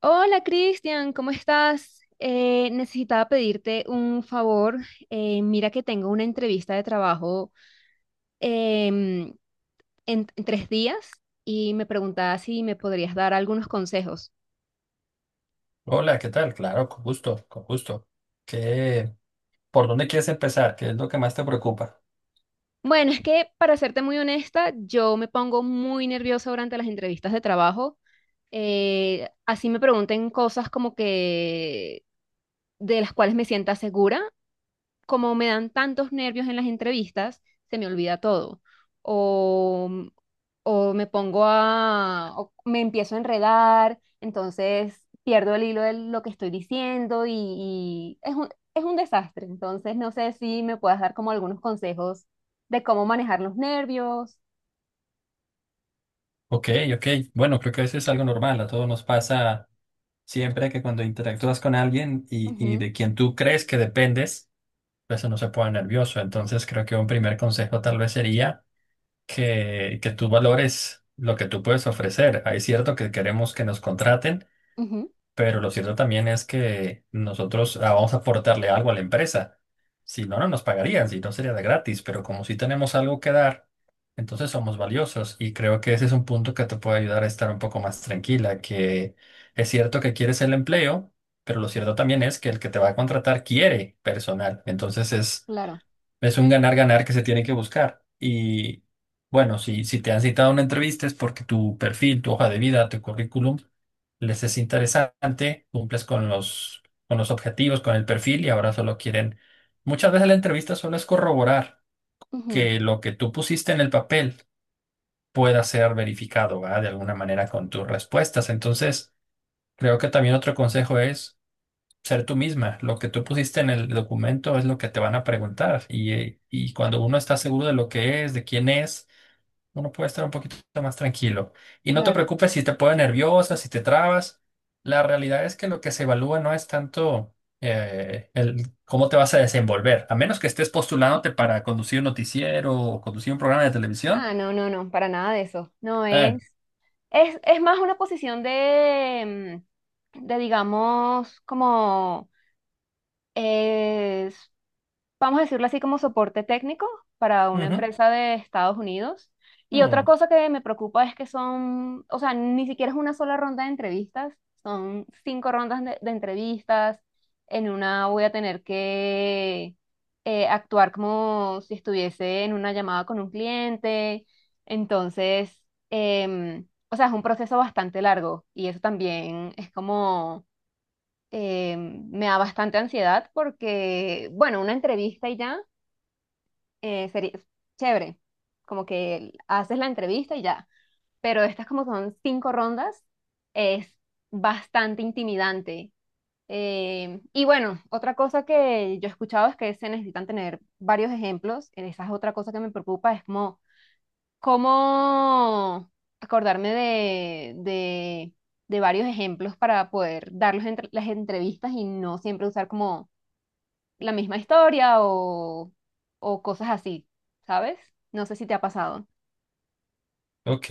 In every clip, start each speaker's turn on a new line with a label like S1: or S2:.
S1: Hola Cristian, ¿cómo estás? Necesitaba pedirte un favor. Mira que tengo una entrevista de trabajo em, en 3 días y me preguntaba si me podrías dar algunos consejos.
S2: Hola, ¿qué tal? Claro, con gusto, con gusto. ¿Qué, ¿Por dónde quieres empezar? ¿Qué es lo que más te preocupa?
S1: Bueno, es que para serte muy honesta, yo me pongo muy nerviosa durante las entrevistas de trabajo. Así me pregunten cosas como que de las cuales me sienta segura. Como me dan tantos nervios en las entrevistas, se me olvida todo. O, o me pongo a, o me empiezo a enredar, entonces pierdo el hilo de lo que estoy diciendo y es es un desastre. Entonces, no sé si me puedas dar como algunos consejos de cómo manejar los nervios.
S2: Ok, ok. Bueno, creo que eso es algo normal. A todos nos pasa siempre que cuando interactúas con alguien y
S1: Ujú,
S2: de quien tú crees que dependes, pues uno se pone nervioso. Entonces creo que un primer consejo tal vez sería que tú valores lo que tú puedes ofrecer. Hay cierto que queremos que nos contraten.
S1: ujú,
S2: Pero lo cierto también es que nosotros vamos a aportarle algo a la empresa. Si no, no nos pagarían, si no sería de gratis, pero como si tenemos algo que dar, entonces somos valiosos y creo que ese es un punto que te puede ayudar a estar un poco más tranquila, que es cierto que quieres el empleo, pero lo cierto también es que el que te va a contratar quiere personal. Entonces es
S1: claro,
S2: es un ganar-ganar que se tiene que buscar. Y bueno, si te han citado a una entrevista es porque tu perfil, tu hoja de vida, tu currículum les es interesante, cumples con los objetivos, con el perfil y ahora solo quieren... Muchas veces la entrevista solo es corroborar
S1: ujú,
S2: que lo que tú pusiste en el papel pueda ser verificado, ¿verdad? De alguna manera con tus respuestas. Entonces, creo que también otro consejo es ser tú misma. Lo que tú pusiste en el documento es lo que te van a preguntar. Y cuando uno está seguro de lo que es, de quién es, uno puede estar un poquito más tranquilo. Y no te
S1: claro.
S2: preocupes si te pones nerviosa, si te trabas. La realidad es que lo que se evalúa no es tanto el cómo te vas a desenvolver, a menos que estés postulándote para conducir un noticiero o conducir un programa de televisión.
S1: Ah, no, no, no, para nada de eso. No
S2: Eh,
S1: es. Es más una posición de, de digamos, como vamos a decirlo así, como soporte técnico para una
S2: Ujú.
S1: empresa de Estados Unidos. Y otra
S2: Mm.
S1: cosa que me preocupa es que son, o sea, ni siquiera es una sola ronda de entrevistas, son 5 rondas de entrevistas. En una voy a tener que actuar como si estuviese en una llamada con un cliente. Entonces, o sea, es un proceso bastante largo y eso también es como eh, me da bastante ansiedad porque, bueno, una entrevista y ya, sería chévere, como que haces la entrevista y ya, pero estas como son 5 rondas, es bastante intimidante. Y bueno, otra cosa que yo he escuchado es que se necesitan tener varios ejemplos, esa es otra cosa que me preocupa, es como cómo acordarme de varios ejemplos para poder darlos las entrevistas y no siempre usar como la misma historia o cosas así, ¿sabes? No sé si te ha pasado.
S2: Ok,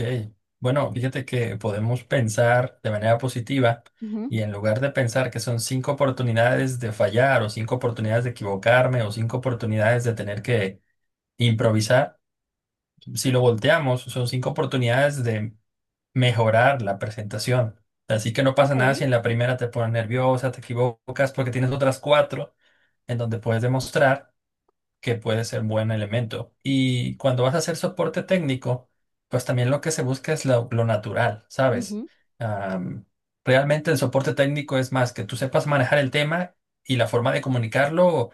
S2: bueno, fíjate que podemos pensar de manera positiva
S1: Ujú.
S2: y en lugar de pensar que son cinco oportunidades de fallar o cinco oportunidades de equivocarme o cinco oportunidades de tener que improvisar, si lo volteamos, son cinco oportunidades de mejorar la presentación. Así que no pasa nada
S1: Ok.
S2: si en la primera te pones nerviosa, te equivocas porque tienes otras cuatro en donde puedes demostrar que puede ser buen elemento. Y cuando vas a hacer soporte técnico, pues también lo que se busca es lo natural, ¿sabes?
S1: Ujú.
S2: Am, Realmente el soporte técnico es más que tú sepas manejar el tema y la forma de comunicarlo.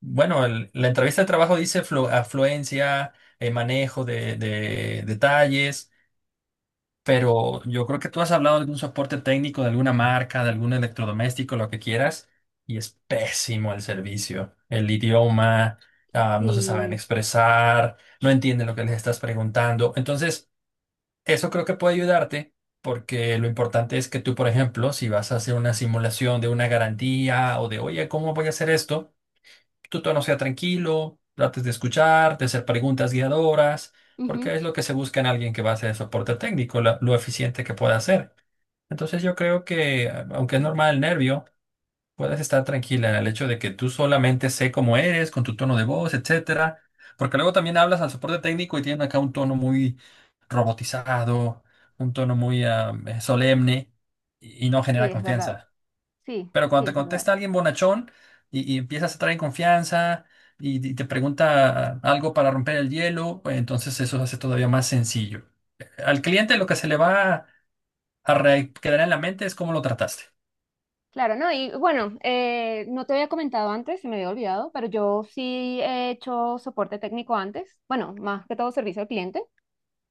S2: Bueno, la entrevista de trabajo dice afluencia, manejo de detalles pero yo creo que tú has hablado de algún soporte técnico de alguna marca, de algún electrodoméstico, lo que quieras, y es pésimo el servicio. El idioma, no se saben
S1: Sí.
S2: expresar, no entienden lo que les estás preguntando. Entonces, eso creo que puede ayudarte porque lo importante es que tú, por ejemplo, si vas a hacer una simulación de una garantía o de, oye, ¿cómo voy a hacer esto? Tu tono sea tranquilo, trates de escuchar, de hacer preguntas guiadoras,
S1: Ujú.
S2: porque es lo que se busca en alguien que va a hacer soporte técnico, lo eficiente que pueda hacer. Entonces yo creo que, aunque es normal el nervio, puedes estar tranquila en el hecho de que tú solamente sé cómo eres, con tu tono de voz, etcétera, porque luego también hablas al soporte técnico y tienen acá un tono muy robotizado, un tono muy solemne y no
S1: Sí,
S2: genera
S1: es verdad.
S2: confianza.
S1: Sí,
S2: Pero
S1: sí,
S2: cuando te
S1: es verdad.
S2: contesta alguien bonachón y empiezas a traer confianza y te pregunta algo para romper el hielo, pues entonces eso se hace todavía más sencillo. Al cliente lo que se le va a quedar en la mente es cómo lo trataste.
S1: Claro, no, y bueno, no te había comentado antes, se me había olvidado, pero yo sí he hecho soporte técnico antes, bueno, más que todo servicio al cliente.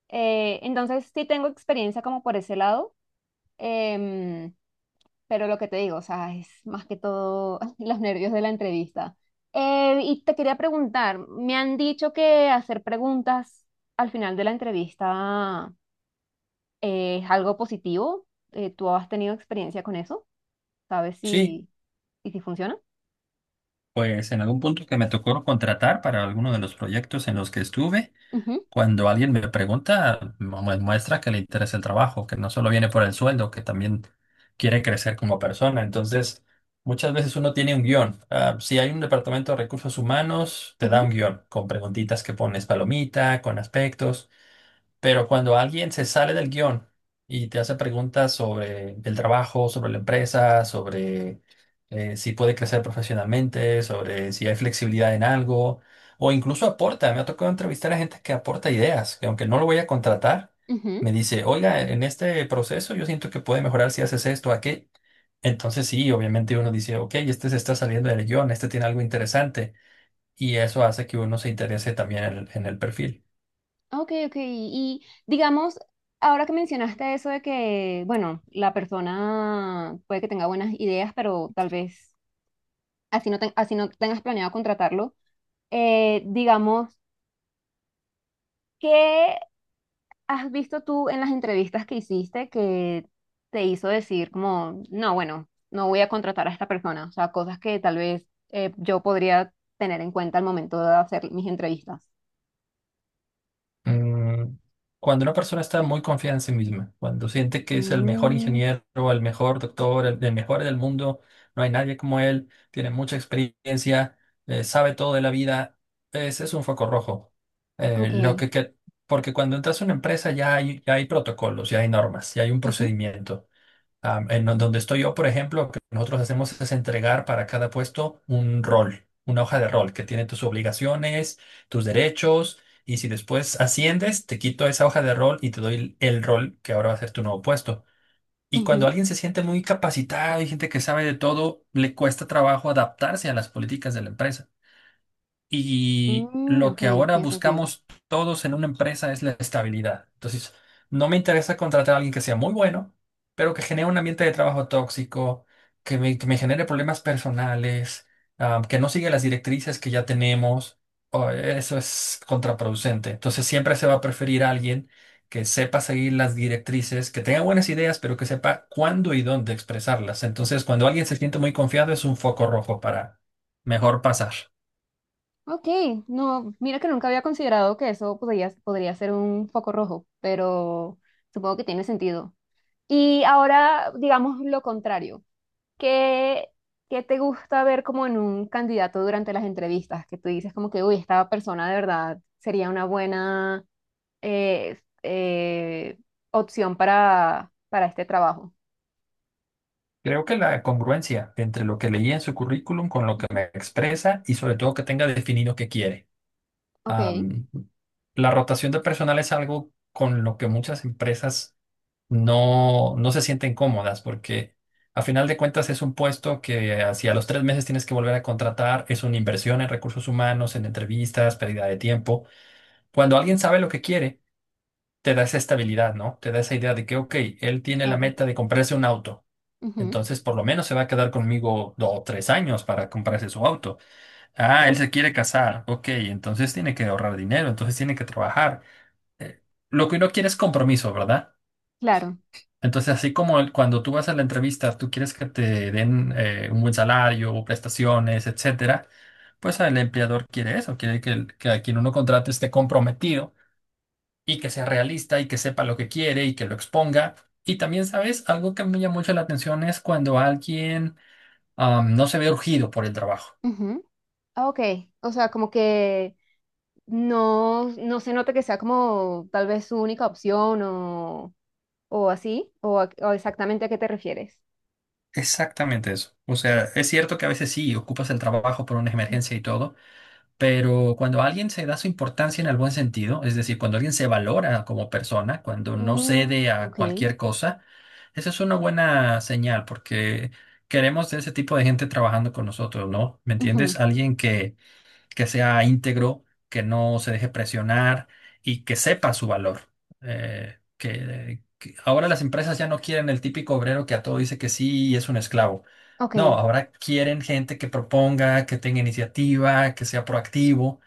S1: Entonces sí tengo experiencia como por ese lado. Em, Pero lo que te digo, o sea, es más que todo los nervios de la entrevista. Y te quería preguntar, me han dicho que hacer preguntas al final de la entrevista es algo positivo. ¿Tú has tenido experiencia con eso? ¿Sabes
S2: Sí,
S1: si, y si funciona?
S2: pues en algún punto que me tocó contratar para alguno de los proyectos en los que estuve.
S1: Ujú,
S2: Cuando alguien me pregunta, muestra que le interesa el trabajo, que no solo viene por el sueldo, que también quiere crecer como persona. Entonces, muchas veces uno tiene un guión. Ah, si hay un departamento de recursos humanos, te da
S1: ujú,
S2: un guión con preguntitas que pones palomita, con aspectos. Pero cuando alguien se sale del guión y te hace preguntas sobre el trabajo, sobre la empresa, sobre si puede crecer profesionalmente, sobre si hay flexibilidad en algo, o incluso aporta, me ha tocado entrevistar a gente que aporta ideas, que aunque no lo voy a contratar,
S1: ujú.
S2: me dice, oiga, en este proceso yo siento que puede mejorar si haces esto, aquello. Entonces sí, obviamente uno dice, ok, este se está saliendo del guión, este tiene algo interesante, y eso hace que uno se interese también en el perfil.
S1: Ok, ok. Y digamos, ahora que mencionaste eso de que, bueno, la persona puede que tenga buenas ideas, pero tal vez así no, así no tengas planeado contratarlo. Digamos, ¿qué has visto tú en las entrevistas que hiciste que te hizo decir como, no, bueno, no voy a contratar a esta persona? O sea, cosas que tal vez yo podría tener en cuenta al momento de hacer mis entrevistas.
S2: Mm. Cuando una persona está muy confiada en sí misma, cuando siente que es el mejor
S1: Mm,
S2: ingeniero, el mejor doctor, el mejor del mundo, no hay nadie como él, tiene mucha experiencia, sabe todo de la vida, ese es un foco rojo. Eh, lo
S1: ok.
S2: que, que- Porque cuando entras a una empresa ya hay protocolos, ya hay normas, ya hay un
S1: Ujú,
S2: procedimiento. Am, en no, Donde estoy yo, por ejemplo, lo que nosotros hacemos es entregar para cada puesto un rol, una hoja de rol que tiene tus obligaciones, tus derechos, y si después asciendes, te quito esa hoja de rol y te doy el rol que ahora va a ser tu nuevo puesto. Y cuando
S1: ujú.
S2: alguien se siente muy capacitado y gente que sabe de todo, le cuesta trabajo adaptarse a las políticas de la empresa. Y
S1: Mm,
S2: lo que
S1: ok,
S2: ahora
S1: tiene sentido.
S2: buscamos todos en una empresa es la estabilidad. Entonces, no me interesa contratar a alguien que sea muy bueno, pero que genere un ambiente de trabajo tóxico, que me genere problemas personales, que no siga las directrices que ya tenemos. O eso es contraproducente. Entonces, siempre se va a preferir a alguien que sepa seguir las directrices, que tenga buenas ideas, pero que sepa cuándo y dónde expresarlas. Entonces, cuando alguien se siente muy confiado, es un foco rojo para mejor pasar.
S1: Ok, no, mira que nunca había considerado que eso podría ser un foco rojo, pero supongo que tiene sentido. Y ahora, digamos lo contrario. ¿Qué, qué te gusta ver como en un candidato durante las entrevistas? Que tú dices como que, uy, esta persona de verdad sería una buena eh, eh, opción para este trabajo.
S2: Creo que la congruencia entre lo que leí en su currículum con lo que
S1: Ujú.
S2: me expresa y sobre todo que tenga definido qué quiere.
S1: Ok,
S2: Am, la rotación de personal es algo con lo que muchas empresas no, no se sienten cómodas porque a final de cuentas es un puesto que hacia los 3 meses tienes que volver a contratar, es una inversión en recursos humanos, en entrevistas, pérdida de tiempo. Cuando alguien sabe lo que quiere, te da esa estabilidad, ¿no? Te da esa idea de que, ok, él tiene la
S1: claro.
S2: meta de comprarse un auto.
S1: Ujú,
S2: Entonces, por lo menos se va a quedar conmigo 2 o 3 años para comprarse su auto. Ah, él se quiere casar. Ok, entonces tiene que ahorrar dinero, entonces tiene que trabajar. Eh, lo que uno quiere es compromiso, ¿verdad?
S1: claro.
S2: Entonces, así como cuando tú vas a la entrevista, tú quieres que te den un buen salario, prestaciones, etcétera, pues el empleador quiere eso, quiere que a quien uno contrate esté comprometido y que sea realista y que sepa lo que quiere y que lo exponga. Y también, ¿sabes? Algo que me llama mucho la atención es cuando alguien no se ve urgido por el trabajo.
S1: Ujú. Ah, ok, o sea, como que no, no se nota que sea como tal vez su única opción o así, o exactamente a qué te refieres.
S2: Exactamente eso. O sea, es cierto que a veces sí ocupas el trabajo por una
S1: Ujú.
S2: emergencia y todo, pero cuando alguien se da su importancia en el buen sentido, es decir, cuando alguien se valora como persona, cuando no
S1: Mm,
S2: cede a
S1: ok.
S2: cualquier cosa, esa es una buena señal porque queremos ese tipo de gente trabajando con nosotros, ¿no? ¿Me
S1: Ujú,
S2: entiendes? Alguien que sea íntegro, que no se deje presionar y que sepa su valor. Que ahora las empresas ya no quieren el típico obrero que a todo dice que sí y es un esclavo. No,
S1: ok.
S2: ahora quieren gente que proponga, que tenga iniciativa, que sea proactivo.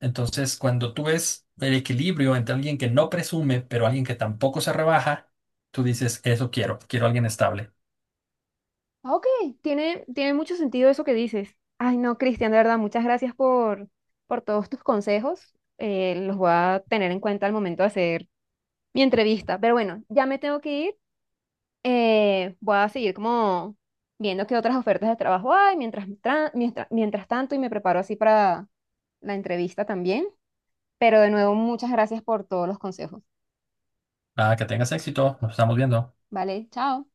S2: Entonces, cuando tú ves el equilibrio entre alguien que no presume, pero alguien que tampoco se rebaja, tú dices, eso quiero, quiero alguien estable.
S1: Ok, tiene, tiene mucho sentido eso que dices. Ay, no, Cristian, de verdad, muchas gracias por todos tus consejos. Los voy a tener en cuenta al momento de hacer mi entrevista. Pero bueno, ya me tengo que ir. Voy a seguir como viendo qué otras ofertas de trabajo hay mientras tanto y me preparo así para la entrevista también. Pero de nuevo, muchas gracias por todos los consejos.
S2: Ah, que tengas éxito, nos estamos viendo.
S1: Vale, chao.